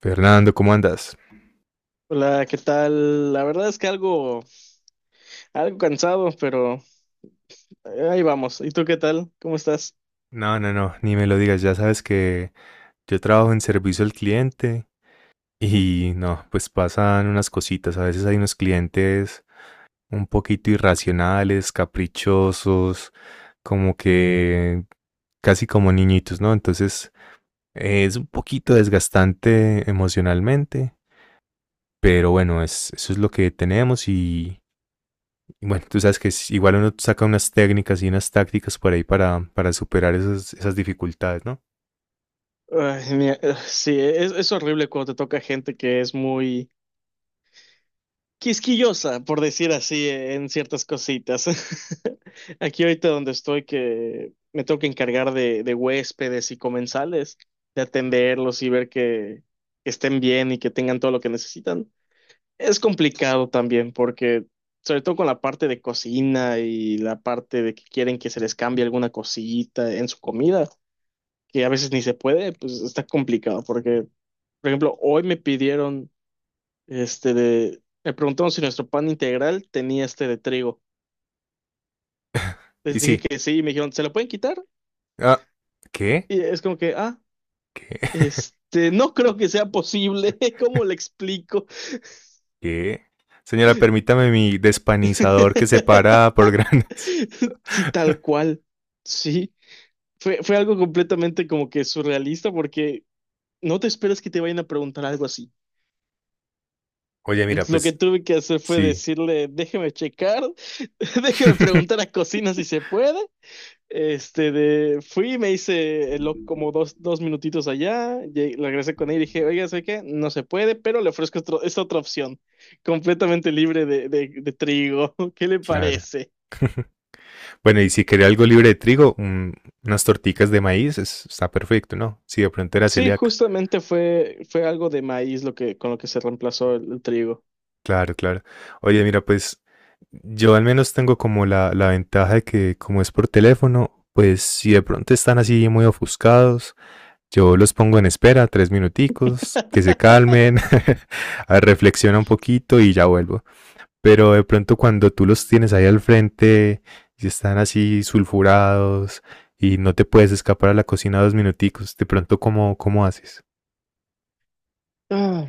Fernando, ¿cómo andas? Hola, ¿qué tal? La verdad es que algo cansado, pero ahí vamos. ¿Y tú qué tal? ¿Cómo estás? No, no, no, ni me lo digas, ya sabes que yo trabajo en servicio al cliente y no, pues pasan unas cositas, a veces hay unos clientes un poquito irracionales, caprichosos, como que casi como niñitos, ¿no? Entonces es un poquito desgastante emocionalmente, pero bueno, eso es lo que tenemos y bueno, tú sabes que igual uno saca unas técnicas y unas tácticas por ahí para superar esas dificultades, ¿no? Ay, mira, sí, es horrible cuando te toca gente que es muy quisquillosa, por decir así, en ciertas cositas. Aquí ahorita donde estoy, que me tengo que encargar de huéspedes y comensales, de atenderlos y ver que estén bien y que tengan todo lo que necesitan. Es complicado también porque, sobre todo con la parte de cocina y la parte de que quieren que se les cambie alguna cosita en su comida, que a veces ni se puede, pues está complicado porque, por ejemplo, hoy me pidieron, me preguntaron si nuestro pan integral tenía este de trigo. Les Y dije sí. que sí y me dijeron, ¿se lo pueden quitar? Ah, ¿qué? Y es como que, ah, ¿Qué? este, no creo que sea posible, ¿cómo le explico? ¿Qué? Señora, permítame mi despanizador que separa por granos. Sí, tal cual, sí. Fue algo completamente como que surrealista porque no te esperas que te vayan a preguntar algo así. Oye, mira, Lo que pues tuve que hacer fue sí. decirle, déjeme checar, déjeme preguntar a cocina si se puede. Este, de, fui, me hice como dos minutitos allá, regresé con él y dije, oiga, sé que no se puede, pero le ofrezco esta otra opción, completamente libre de trigo. ¿Qué le Claro. parece? Bueno, y si quería algo libre de trigo, unas torticas de maíz, está perfecto, ¿no? Si de pronto era Sí, celíaca. justamente fue, fue algo de maíz lo que, con lo que se reemplazó el trigo. Claro, claro. Oye, mira, pues yo al menos tengo como la ventaja de que como es por teléfono, pues si de pronto están así muy ofuscados, yo los pongo en espera tres minuticos, que se calmen. Reflexiona un poquito y ya vuelvo. Pero de pronto cuando tú los tienes ahí al frente y están así sulfurados y no te puedes escapar a la cocina dos minuticos, de pronto cómo haces? Ah,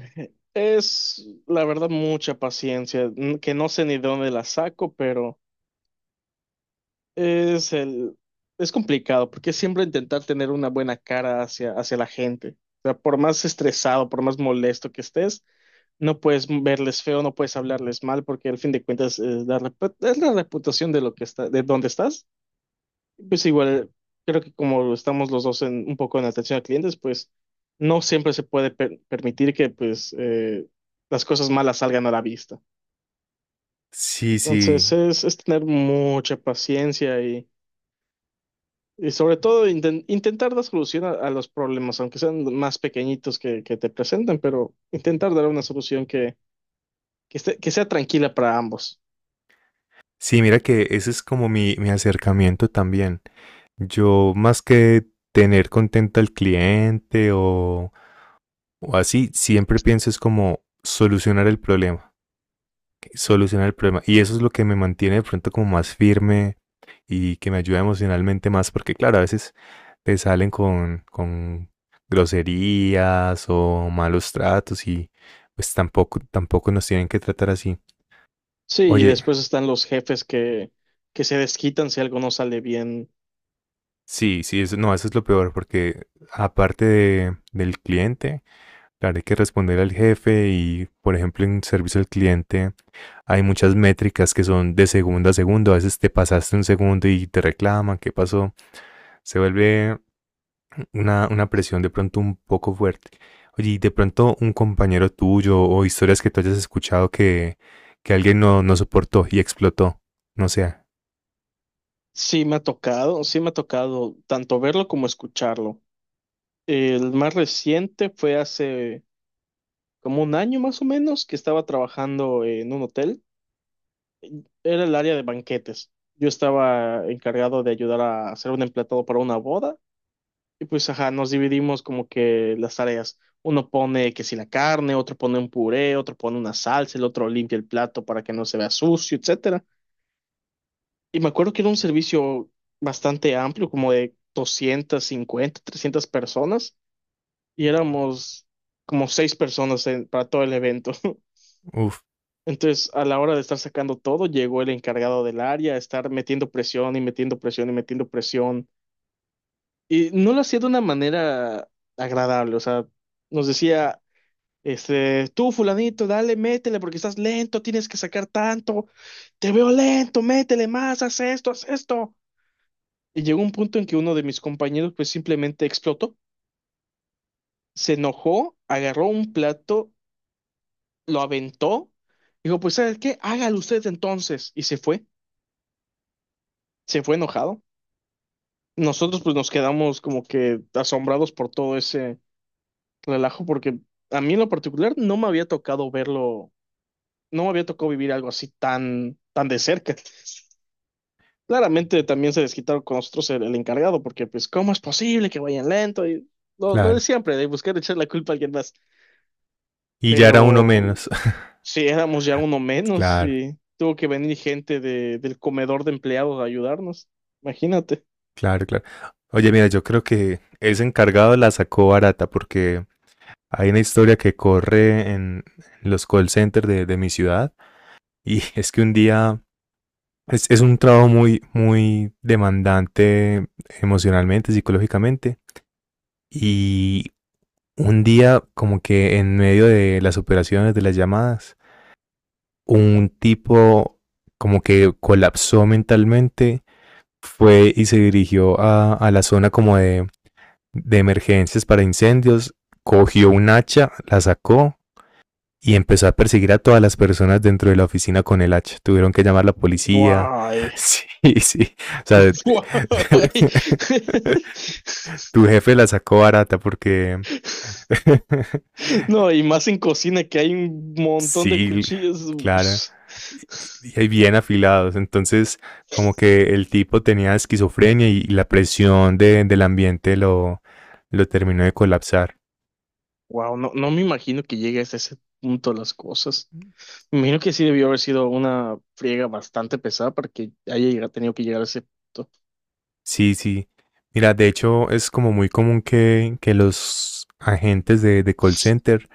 es, la verdad, mucha paciencia, que no sé ni de dónde la saco, pero es el, es complicado, porque siempre intentar tener una buena cara hacia la gente. O sea, por más estresado, por más molesto que estés, no puedes verles feo, no puedes hablarles mal, porque al fin de cuentas es es la reputación de lo que está, de dónde estás. Pues igual, creo que como estamos los dos en, un poco en atención a clientes, pues no siempre se puede permitir que pues las cosas malas salgan a la vista. Sí, sí. Entonces es tener mucha paciencia y sobre todo intentar dar solución a los problemas, aunque sean más pequeñitos que te presenten, pero intentar dar una solución que, que sea tranquila para ambos. Sí, mira que ese es como mi acercamiento también. Yo más que tener contento al cliente o así, siempre pienso es como solucionar el problema, solucionar el problema. Y eso es lo que me mantiene de pronto como más firme y que me ayuda emocionalmente más, porque claro, a veces te salen con groserías o malos tratos y pues tampoco, tampoco nos tienen que tratar así. Sí, y Oye, después están los jefes que se desquitan si algo no sale bien. sí, sí, eso, no, eso es lo peor, porque aparte del cliente, claro, hay que responder al jefe y, por ejemplo, en servicio al cliente hay muchas métricas que son de segundo a segundo. A veces te pasaste un segundo y te reclaman, ¿qué pasó? Se vuelve una presión de pronto un poco fuerte. Oye, y de pronto un compañero tuyo o historias que tú hayas escuchado que alguien no, no soportó y explotó. No sé, Sí me ha tocado, sí me ha tocado tanto verlo como escucharlo. El más reciente fue hace como un año más o menos que estaba trabajando en un hotel. Era el área de banquetes. Yo estaba encargado de ayudar a hacer un emplatado para una boda y pues ajá, nos dividimos como que las tareas. Uno pone que si la carne, otro pone un puré, otro pone una salsa, el otro limpia el plato para que no se vea sucio, etcétera. Y me acuerdo que era un servicio bastante amplio, como de 250 300 personas, y éramos como seis personas para todo el evento. uff, Entonces, a la hora de estar sacando todo, llegó el encargado del área, a estar metiendo presión y metiendo presión y metiendo presión. Y no lo hacía de una manera agradable, o sea, nos decía, este, tú fulanito, dale, métele porque estás lento, tienes que sacar tanto, te veo lento, métele más, haz esto, haz esto. Y llegó un punto en que uno de mis compañeros pues simplemente explotó, se enojó, agarró un plato, lo aventó, dijo, pues ¿sabes qué? Hágalo usted entonces. Y se fue enojado. Nosotros pues nos quedamos como que asombrados por todo ese relajo porque a mí en lo particular no me había tocado verlo, no me había tocado vivir algo así tan, tan de cerca. Claramente también se desquitaron con nosotros el encargado porque pues ¿cómo es posible que vayan lento? Y lo de claro. siempre, de buscar echar la culpa a alguien más. Y ya era uno Pero menos. si éramos ya uno menos Claro, y tuvo que venir gente del comedor de empleados a ayudarnos. Imagínate. claro, claro. Oye, mira, yo creo que ese encargado la sacó barata porque hay una historia que corre en los call centers de mi ciudad y es que un día es un trabajo muy, muy demandante emocionalmente, psicológicamente y un día como que en medio de las operaciones, de las llamadas, un tipo como que colapsó mentalmente, fue y se dirigió a la zona como de emergencias para incendios, cogió un hacha, la sacó y empezó a perseguir a todas las personas dentro de la oficina con el hacha. Tuvieron que llamar a la policía. Guay. Sí, sí. O sea, Guay. tu jefe la sacó barata porque No, y más en cocina que hay un montón de sí, claro. cuchillos. Y bien afilados. Entonces, como que el tipo tenía esquizofrenia y la presión del ambiente lo terminó de colapsar. Wow, no, no me imagino que llegue hasta ese punto las cosas. Me imagino que sí debió haber sido una friega bastante pesada para que haya tenido que llegar a ese punto. Sí, sí. Mira, de hecho es como muy común que los agentes de call center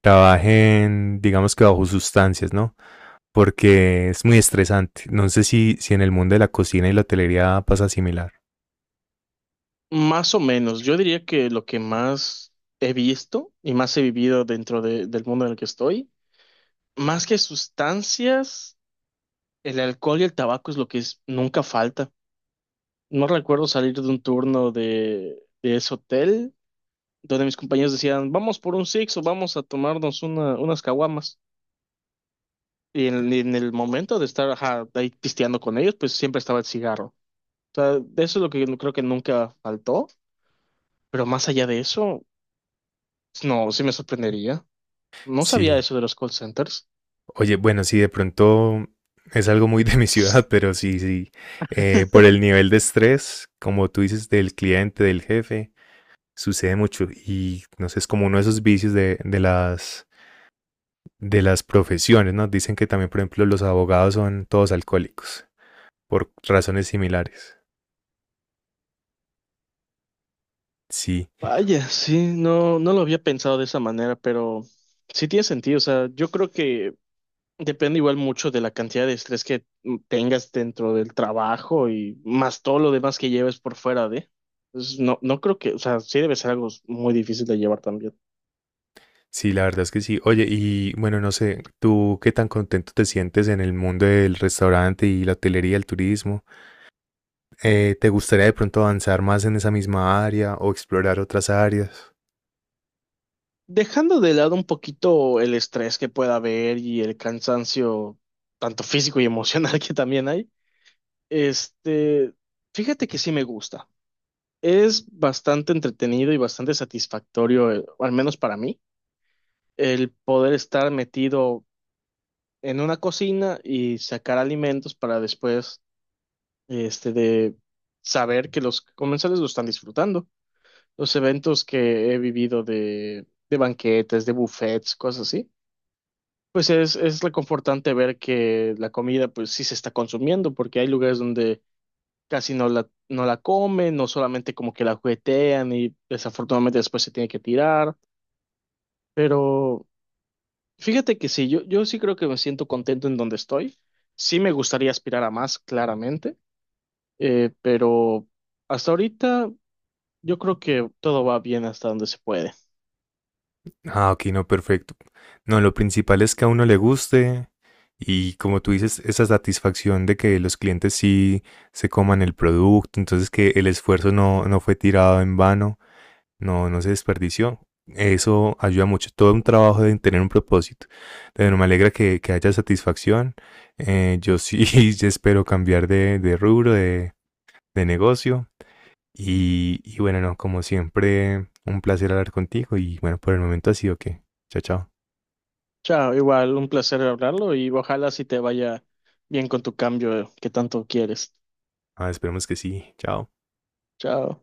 trabajen, digamos que bajo sustancias, ¿no? Porque es muy estresante. No sé si en el mundo de la cocina y la hotelería pasa similar. Más o menos, yo diría que lo que más he visto y más he vivido dentro del mundo en el que estoy, más que sustancias, el alcohol y el tabaco es lo que nunca falta. No recuerdo salir de un turno de ese hotel donde mis compañeros decían, vamos por un six o vamos a tomarnos unas caguamas. Y en el momento de estar ajá, ahí pisteando con ellos, pues siempre estaba el cigarro. O sea, de eso es lo que yo creo que nunca faltó, pero más allá de eso, no, sí me sorprendería. No sabía Sí. eso de los call centers. Oye, bueno, sí, de pronto es algo muy de mi ciudad, pero sí, sí. Por el nivel de estrés, como tú dices, del cliente, del jefe, sucede mucho. Y no sé, es como uno de esos vicios de las profesiones, ¿no? Dicen que también, por ejemplo, los abogados son todos alcohólicos, por razones similares. Sí. Vaya, sí, no, no lo había pensado de esa manera, pero sí tiene sentido. O sea, yo creo que depende igual mucho de la cantidad de estrés que tengas dentro del trabajo y más todo lo demás que lleves por fuera de. Pues no, no creo que, o sea, sí debe ser algo muy difícil de llevar también. Sí, la verdad es que sí. Oye, y bueno, no sé, ¿tú qué tan contento te sientes en el mundo del restaurante y la hotelería, el turismo? ¿Te gustaría de pronto avanzar más en esa misma área o explorar otras áreas? Dejando de lado un poquito el estrés que pueda haber y el cansancio, tanto físico y emocional que también hay, este, fíjate que sí me gusta. Es bastante entretenido y bastante satisfactorio, al menos para mí, el poder estar metido en una cocina y sacar alimentos para después, este, de saber que los comensales lo están disfrutando. Los eventos que he vivido de banquetes, de buffets, cosas así, pues es reconfortante ver que la comida, pues sí se está consumiendo, porque hay lugares donde casi no no la comen, no solamente como que la juguetean y desafortunadamente después se tiene que tirar. Pero fíjate que sí, yo sí creo que me siento contento en donde estoy. Sí me gustaría aspirar a más, claramente, pero hasta ahorita yo creo que todo va bien hasta donde se puede. Ah, ok, no, perfecto. No, lo principal es que a uno le guste y como tú dices, esa satisfacción de que los clientes sí se coman el producto, entonces que el esfuerzo no fue tirado en vano. No, no se desperdició. Eso ayuda mucho. Todo un trabajo de tener un propósito. Pero me alegra que haya satisfacción. Yo sí yo espero cambiar de negocio. Y bueno, no, como siempre, un placer hablar contigo. Y bueno, por el momento ha sido que. Chao, chao. Chao, igual, un placer hablarlo y ojalá si te vaya bien con tu cambio que tanto quieres. Ah, esperemos que sí. Chao. Chao.